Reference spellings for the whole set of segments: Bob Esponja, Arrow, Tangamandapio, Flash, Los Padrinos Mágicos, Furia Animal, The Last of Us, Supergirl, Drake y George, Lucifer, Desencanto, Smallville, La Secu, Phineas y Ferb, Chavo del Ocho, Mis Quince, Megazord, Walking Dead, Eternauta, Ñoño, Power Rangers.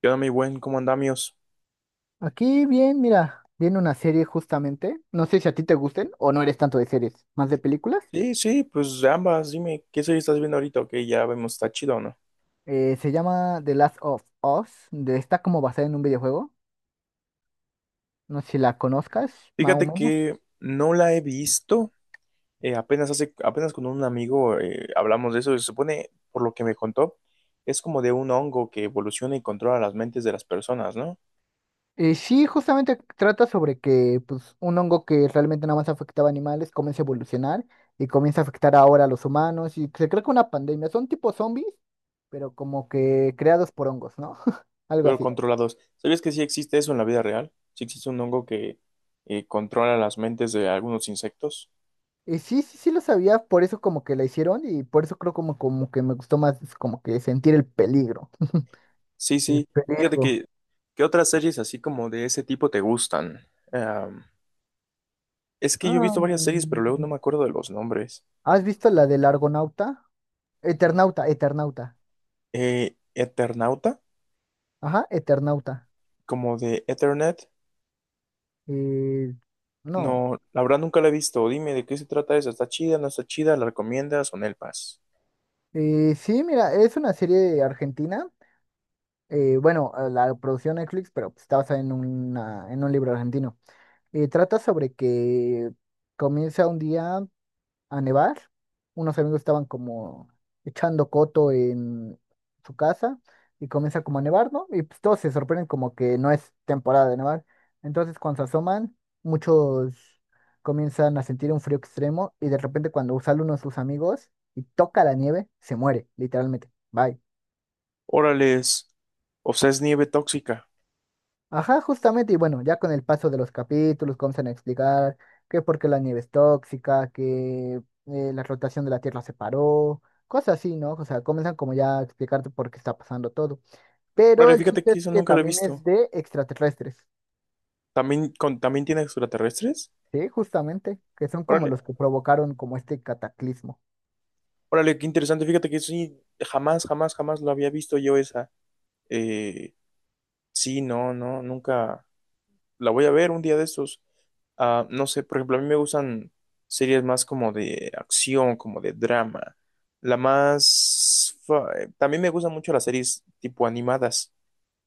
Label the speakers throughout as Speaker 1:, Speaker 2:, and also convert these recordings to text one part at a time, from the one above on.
Speaker 1: ¿Qué onda, mi buen? ¿Cómo andamios?
Speaker 2: Aquí bien, mira, viene una serie justamente. No sé si a ti te gusten o no eres tanto de series, más de películas.
Speaker 1: Sí, pues ambas, dime, ¿qué serie estás viendo ahorita? Ok, ya vemos, está chido, ¿o no?
Speaker 2: Se llama The Last of Us. Está como basada en un videojuego. No sé si la conozcas, más o
Speaker 1: Fíjate
Speaker 2: menos.
Speaker 1: que no la he visto. Apenas hace, apenas con un amigo hablamos de eso, y se supone, por lo que me contó, es como de un hongo que evoluciona y controla las mentes de las personas, ¿no?
Speaker 2: Sí, justamente trata sobre que, pues, un hongo que realmente nada más afectaba a animales comienza a evolucionar y comienza a afectar ahora a los humanos y se cree que una pandemia. Son tipo zombies, pero como que creados por hongos, ¿no? Algo
Speaker 1: Pero
Speaker 2: así.
Speaker 1: controlados. ¿Sabías que sí existe eso en la vida real? Sí existe un hongo que controla las mentes de algunos insectos.
Speaker 2: Y sí, sí, sí lo sabía, por eso como que la hicieron y por eso creo como, como que me gustó más como que sentir el peligro.
Speaker 1: Sí, sí, fíjate
Speaker 2: Peligro.
Speaker 1: que, ¿qué otras series así como de ese tipo te gustan? Es que yo he
Speaker 2: Ah,
Speaker 1: visto varias series, pero luego no me acuerdo de los nombres.
Speaker 2: ¿has visto la del Argonauta? Eternauta, Eternauta.
Speaker 1: Eternauta,
Speaker 2: Ajá, Eternauta.
Speaker 1: como de Ethernet.
Speaker 2: Eh, no.
Speaker 1: No, la verdad nunca la he visto. Dime de qué se trata eso. ¿Está chida? ¿No está chida? ¿La recomiendas o no el pas?
Speaker 2: Sí, mira, es una serie de argentina. Bueno, la producción Netflix, pero, pues, está basada en, una, en un libro argentino. Trata sobre que comienza un día a nevar. Unos amigos estaban como echando coto en su casa y comienza como a nevar, ¿no? Y pues todos se sorprenden como que no es temporada de nevar. Entonces cuando se asoman, muchos comienzan a sentir un frío extremo y de repente cuando sale uno de sus amigos y toca la nieve, se muere, literalmente. Bye.
Speaker 1: Órales. O sea, es nieve tóxica.
Speaker 2: Ajá, justamente, y bueno, ya con el paso de los capítulos comienzan a explicar que por qué la nieve es tóxica, que la rotación de la Tierra se paró, cosas así, ¿no? O sea, comienzan como ya a explicarte por qué está pasando todo. Pero
Speaker 1: Órale,
Speaker 2: el
Speaker 1: fíjate
Speaker 2: chiste
Speaker 1: que
Speaker 2: es
Speaker 1: eso
Speaker 2: que
Speaker 1: nunca lo he
Speaker 2: también es
Speaker 1: visto.
Speaker 2: de extraterrestres,
Speaker 1: ¿También, también tiene extraterrestres?
Speaker 2: ¿sí? Justamente, que son como
Speaker 1: Órale,
Speaker 2: los que provocaron como este cataclismo.
Speaker 1: órale, qué interesante. Fíjate que sí, jamás, jamás, jamás lo había visto yo esa. Eh, sí, no, nunca la voy a ver un día de estos. Ah, no sé, por ejemplo, a mí me gustan series más como de acción, como de drama. La más... fa- También me gustan mucho las series tipo animadas.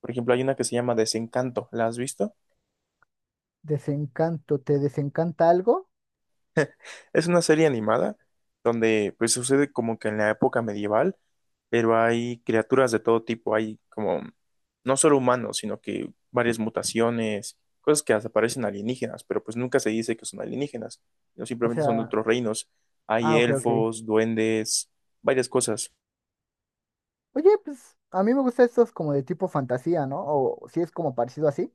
Speaker 1: Por ejemplo, hay una que se llama Desencanto. ¿La has visto?
Speaker 2: Desencanto, ¿te desencanta algo?
Speaker 1: Es una serie animada donde pues sucede como que en la época medieval, pero hay criaturas de todo tipo, hay como no solo humanos, sino que varias mutaciones, cosas que hasta parecen alienígenas, pero pues nunca se dice que son alienígenas, no
Speaker 2: O
Speaker 1: simplemente son de
Speaker 2: sea,
Speaker 1: otros reinos. Hay
Speaker 2: ah, ok, ok.
Speaker 1: elfos, duendes, varias cosas.
Speaker 2: Oye, pues a mí me gustan estos como de tipo fantasía, ¿no? O si es como parecido así.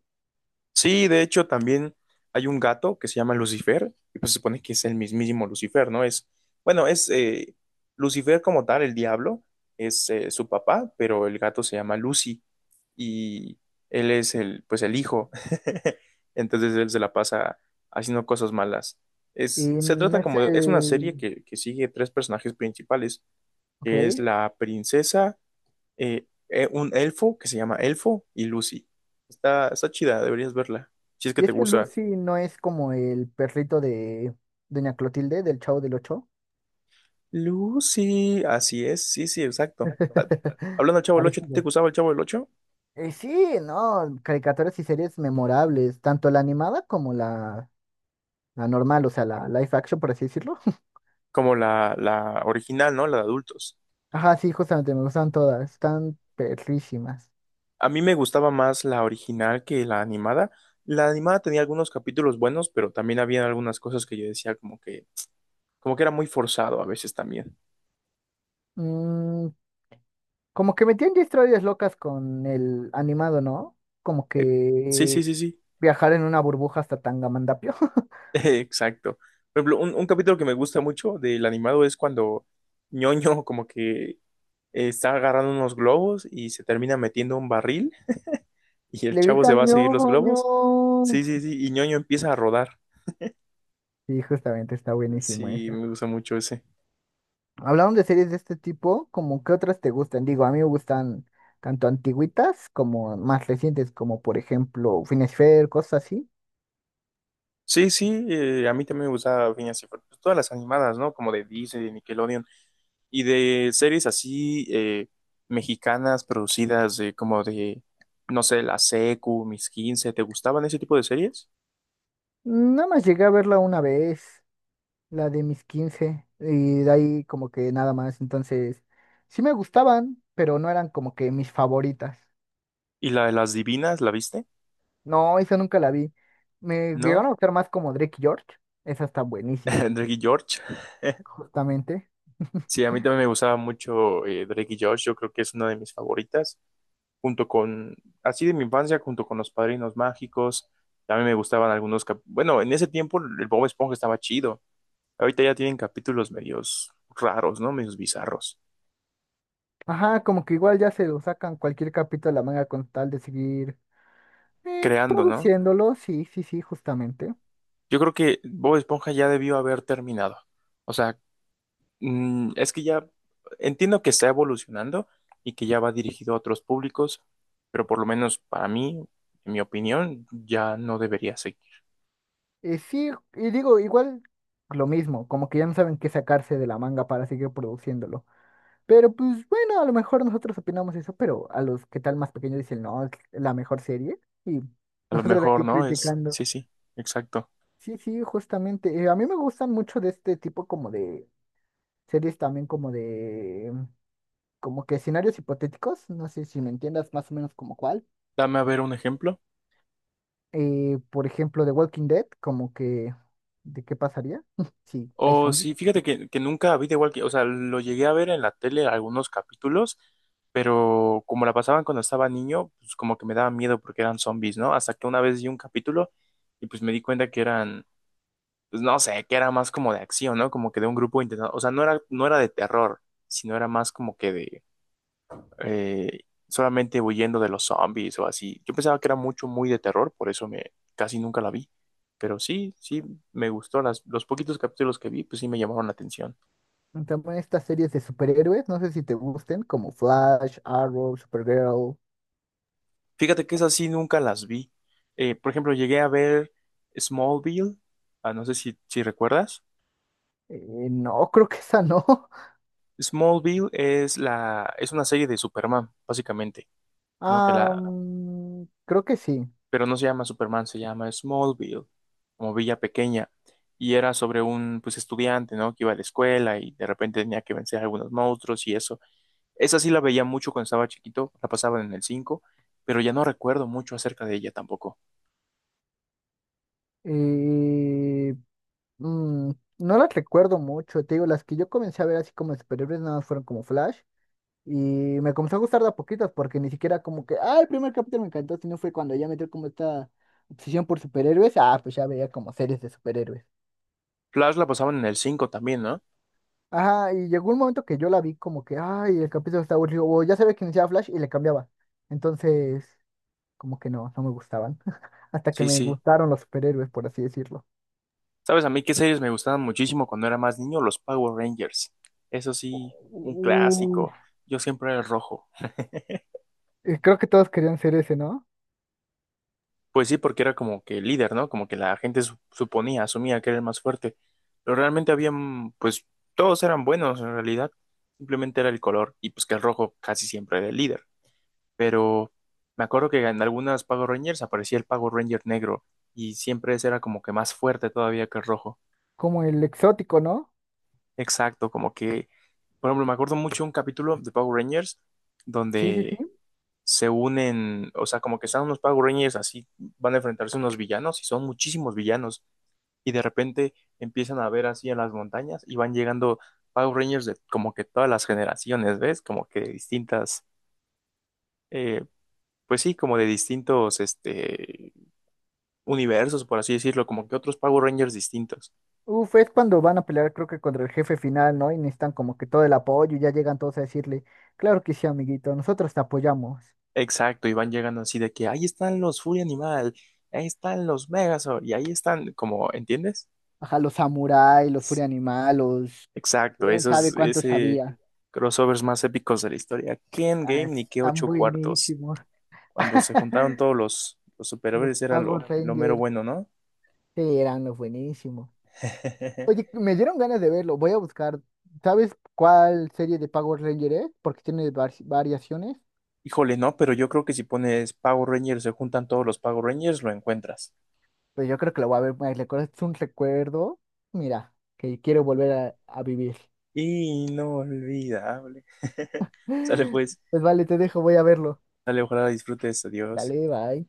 Speaker 1: Sí, de hecho también hay un gato que se llama Lucifer, y pues se supone que es el mismísimo Lucifer, ¿no? Es, bueno, es Lucifer como tal, el diablo, es su papá, pero el gato se llama Lucy, y él es el, pues el hijo, entonces él se la pasa haciendo cosas malas.
Speaker 2: Y
Speaker 1: Se
Speaker 2: no
Speaker 1: trata
Speaker 2: es
Speaker 1: es una serie
Speaker 2: el...
Speaker 1: que sigue tres personajes principales,
Speaker 2: Ok.
Speaker 1: que es la princesa, un elfo que se llama Elfo y Lucy. Está chida, deberías verla. Si es que
Speaker 2: Y
Speaker 1: te
Speaker 2: este
Speaker 1: gusta.
Speaker 2: Lucy no es como el perrito de Doña Clotilde, del Chavo del Ocho.
Speaker 1: Lucy, así es, sí, sí, exacto. Ah, hablando del Chavo del Ocho, ¿te
Speaker 2: Parecido.
Speaker 1: gustaba el Chavo del Ocho?
Speaker 2: Sí, no, caricaturas y series memorables, tanto la animada como la normal, o sea, la live action, por así decirlo.
Speaker 1: Como la original, ¿no? La de adultos.
Speaker 2: Ajá, sí, justamente, me gustan todas, están perrísimas.
Speaker 1: A mí me gustaba más la original que la animada. La animada tenía algunos capítulos buenos, pero también había algunas cosas que yo decía como que era muy forzado a veces también.
Speaker 2: Mm, como que metían ya historias locas con el animado, ¿no? Como
Speaker 1: Eh,
Speaker 2: que
Speaker 1: sí.
Speaker 2: viajar en una burbuja hasta Tangamandapio.
Speaker 1: Exacto. Por ejemplo, un capítulo que me gusta mucho del animado es cuando Ñoño como que está agarrando unos globos y se termina metiendo un barril y el
Speaker 2: Le
Speaker 1: chavo se
Speaker 2: gritan
Speaker 1: va a seguir los
Speaker 2: ñojo, ño.
Speaker 1: globos. Sí, y Ñoño empieza a rodar.
Speaker 2: Sí, justamente está buenísimo
Speaker 1: Sí,
Speaker 2: esa.
Speaker 1: me gusta mucho ese.
Speaker 2: Hablando de series de este tipo, ¿como qué otras te gustan? Digo, a mí me gustan tanto antiguitas como más recientes, como por ejemplo finesfer, cosas así.
Speaker 1: Sí, sí, a mí también me gusta Phineas y Ferb. Pues todas las animadas, ¿no? Como de Disney, de Nickelodeon y de series así mexicanas producidas de, como de, no sé, La Secu, Mis Quince. ¿Te gustaban ese tipo de series?
Speaker 2: Nada más llegué a verla una vez, la de mis 15 y de ahí como que nada más. Entonces, sí me gustaban, pero no eran como que mis favoritas.
Speaker 1: ¿Y la de las divinas, la viste?
Speaker 2: No, esa nunca la vi. Me llegaron
Speaker 1: ¿No?
Speaker 2: a gustar más como Drake y George. Esa está buenísima,
Speaker 1: Drake y George.
Speaker 2: justamente.
Speaker 1: Sí, a mí también me gustaba mucho Drake y George. Yo creo que es una de mis favoritas. Junto con, así de mi infancia, junto con Los Padrinos Mágicos. También me gustaban algunos cap- Bueno, en ese tiempo el Bob Esponja estaba chido. Ahorita ya tienen capítulos medios raros, ¿no? Medios bizarros.
Speaker 2: Ajá, como que igual ya se lo sacan cualquier capítulo de la manga con tal de seguir
Speaker 1: Creando, ¿no?
Speaker 2: produciéndolo, sí, sí, sí, justamente.
Speaker 1: Yo creo que Bob Esponja ya debió haber terminado. O sea, es que ya entiendo que está evolucionando y que ya va dirigido a otros públicos, pero por lo menos para mí, en mi opinión, ya no debería seguir.
Speaker 2: Sí, y digo, igual lo mismo, como que ya no saben qué sacarse de la manga para seguir produciéndolo. Pero pues bueno, a lo mejor nosotros opinamos eso, pero a los que tal más pequeños dicen, no, es la mejor serie. Y
Speaker 1: A lo
Speaker 2: nosotros de
Speaker 1: mejor,
Speaker 2: aquí
Speaker 1: ¿no? Es,
Speaker 2: criticando.
Speaker 1: sí, sí, exacto.
Speaker 2: Sí, sí, justamente. A mí me gustan mucho de este tipo como de series también como de... como que escenarios hipotéticos, no sé si me entiendas más o menos como cuál.
Speaker 1: Dame a ver un ejemplo.
Speaker 2: Por ejemplo, de Walking Dead, como que, ¿de qué pasaría si hay
Speaker 1: O
Speaker 2: zombies?
Speaker 1: sí, que nunca vi de igual que, o sea, lo llegué a ver en la tele algunos capítulos, pero como la pasaban cuando estaba niño, pues como que me daba miedo porque eran zombies, ¿no? Hasta que una vez vi un capítulo y pues me di cuenta que eran pues no sé, que era más como de acción, ¿no? Como que de un grupo intentando, o sea, no era de terror, sino era más como que de eh, solamente huyendo de los zombies o así. Yo pensaba que era mucho, muy de terror, por eso me casi nunca la vi. Pero sí, sí, me gustó. Las, los poquitos capítulos que vi, pues sí me llamaron la atención.
Speaker 2: También estas series de superhéroes, no sé si te gusten, como Flash, Arrow, Supergirl.
Speaker 1: Fíjate que esas sí nunca las vi. Por ejemplo, llegué a ver Smallville, ah, no sé si recuerdas.
Speaker 2: No, creo que esa no.
Speaker 1: Smallville es una serie de Superman, básicamente. Como que
Speaker 2: Ah,
Speaker 1: la,
Speaker 2: mm, creo que sí.
Speaker 1: pero no se llama Superman, se llama Smallville, como Villa Pequeña, y era sobre un pues estudiante, ¿no? Que iba a la escuela y de repente tenía que vencer a algunos monstruos y eso. Esa sí la veía mucho cuando estaba chiquito, la pasaban en el 5, pero ya no recuerdo mucho acerca de ella tampoco.
Speaker 2: Eh, mm, no las recuerdo mucho, te digo, las que yo comencé a ver así como de superhéroes nada más fueron como Flash. Y me comenzó a gustar de a poquitos porque ni siquiera como que, ah, el primer capítulo me encantó, sino fue cuando ya metió como esta obsesión por superhéroes, ah, pues ya veía como series de superhéroes.
Speaker 1: Flash la pasaban en el 5 también, ¿no?
Speaker 2: Ajá, y llegó un momento que yo la vi como que, ay, el capítulo está aburrido, o ya sabía que iniciaba Flash y le cambiaba. Entonces, como que no, no me gustaban. Hasta que
Speaker 1: Sí,
Speaker 2: me
Speaker 1: sí.
Speaker 2: gustaron los superhéroes, por así decirlo.
Speaker 1: ¿Sabes a mí qué series me gustaban muchísimo cuando era más niño? Los Power Rangers. Eso sí, un
Speaker 2: Uh,
Speaker 1: clásico. Yo siempre era el rojo.
Speaker 2: Creo que todos querían ser ese, ¿no?
Speaker 1: Pues sí, porque era como que el líder, ¿no? Como que la gente suponía, asumía que era el más fuerte. Pero realmente habían, pues todos eran buenos en realidad. Simplemente era el color y pues que el rojo casi siempre era el líder. Pero me acuerdo que en algunas Power Rangers aparecía el Power Ranger negro y siempre ese era como que más fuerte todavía que el rojo.
Speaker 2: Como el exótico, ¿no?
Speaker 1: Exacto, como que, por ejemplo, me acuerdo mucho un capítulo de Power Rangers
Speaker 2: Sí, sí, sí.
Speaker 1: donde se unen, o sea, como que están unos Power Rangers así, van a enfrentarse a unos villanos y son muchísimos villanos y de repente empiezan a ver así en las montañas y van llegando Power Rangers de como que todas las generaciones, ¿ves? Como que de distintas, eh, pues sí, como de distintos este, universos, por así decirlo, como que otros Power Rangers distintos.
Speaker 2: Uf, es cuando van a pelear, creo que contra el jefe final, ¿no? Y necesitan como que todo el apoyo y ya llegan todos a decirle, claro que sí, amiguito, nosotros te apoyamos.
Speaker 1: Exacto, y van llegando así de que ahí están los Furia Animal, ahí están los Megazord y ahí están, como, ¿entiendes?
Speaker 2: Ajá, los samuráis, los furia animal, los...
Speaker 1: Exacto,
Speaker 2: ¿Quién sabe
Speaker 1: esos,
Speaker 2: cuántos
Speaker 1: ese
Speaker 2: había?
Speaker 1: crossovers más épicos de la historia. ¿Qué
Speaker 2: Ah,
Speaker 1: Endgame ni qué
Speaker 2: están
Speaker 1: ocho cuartos?
Speaker 2: buenísimos.
Speaker 1: Cuando se juntaron todos los
Speaker 2: Los
Speaker 1: superhéroes era
Speaker 2: power
Speaker 1: lo mero
Speaker 2: Rangers.
Speaker 1: bueno, ¿no?
Speaker 2: Sí, eran los buenísimos. Oye, me dieron ganas de verlo. Voy a buscar. ¿Sabes cuál serie de Power Ranger es? Porque tiene variaciones.
Speaker 1: Híjole, no, pero yo creo que si pones Power Rangers, se juntan todos los Power Rangers, lo encuentras.
Speaker 2: Pues yo creo que lo voy a ver. Es un recuerdo. Mira, que quiero volver a vivir.
Speaker 1: Inolvidable. Sale pues,
Speaker 2: Pues vale, te dejo, voy a verlo.
Speaker 1: sale, ojalá disfrutes, adiós.
Speaker 2: Dale, bye.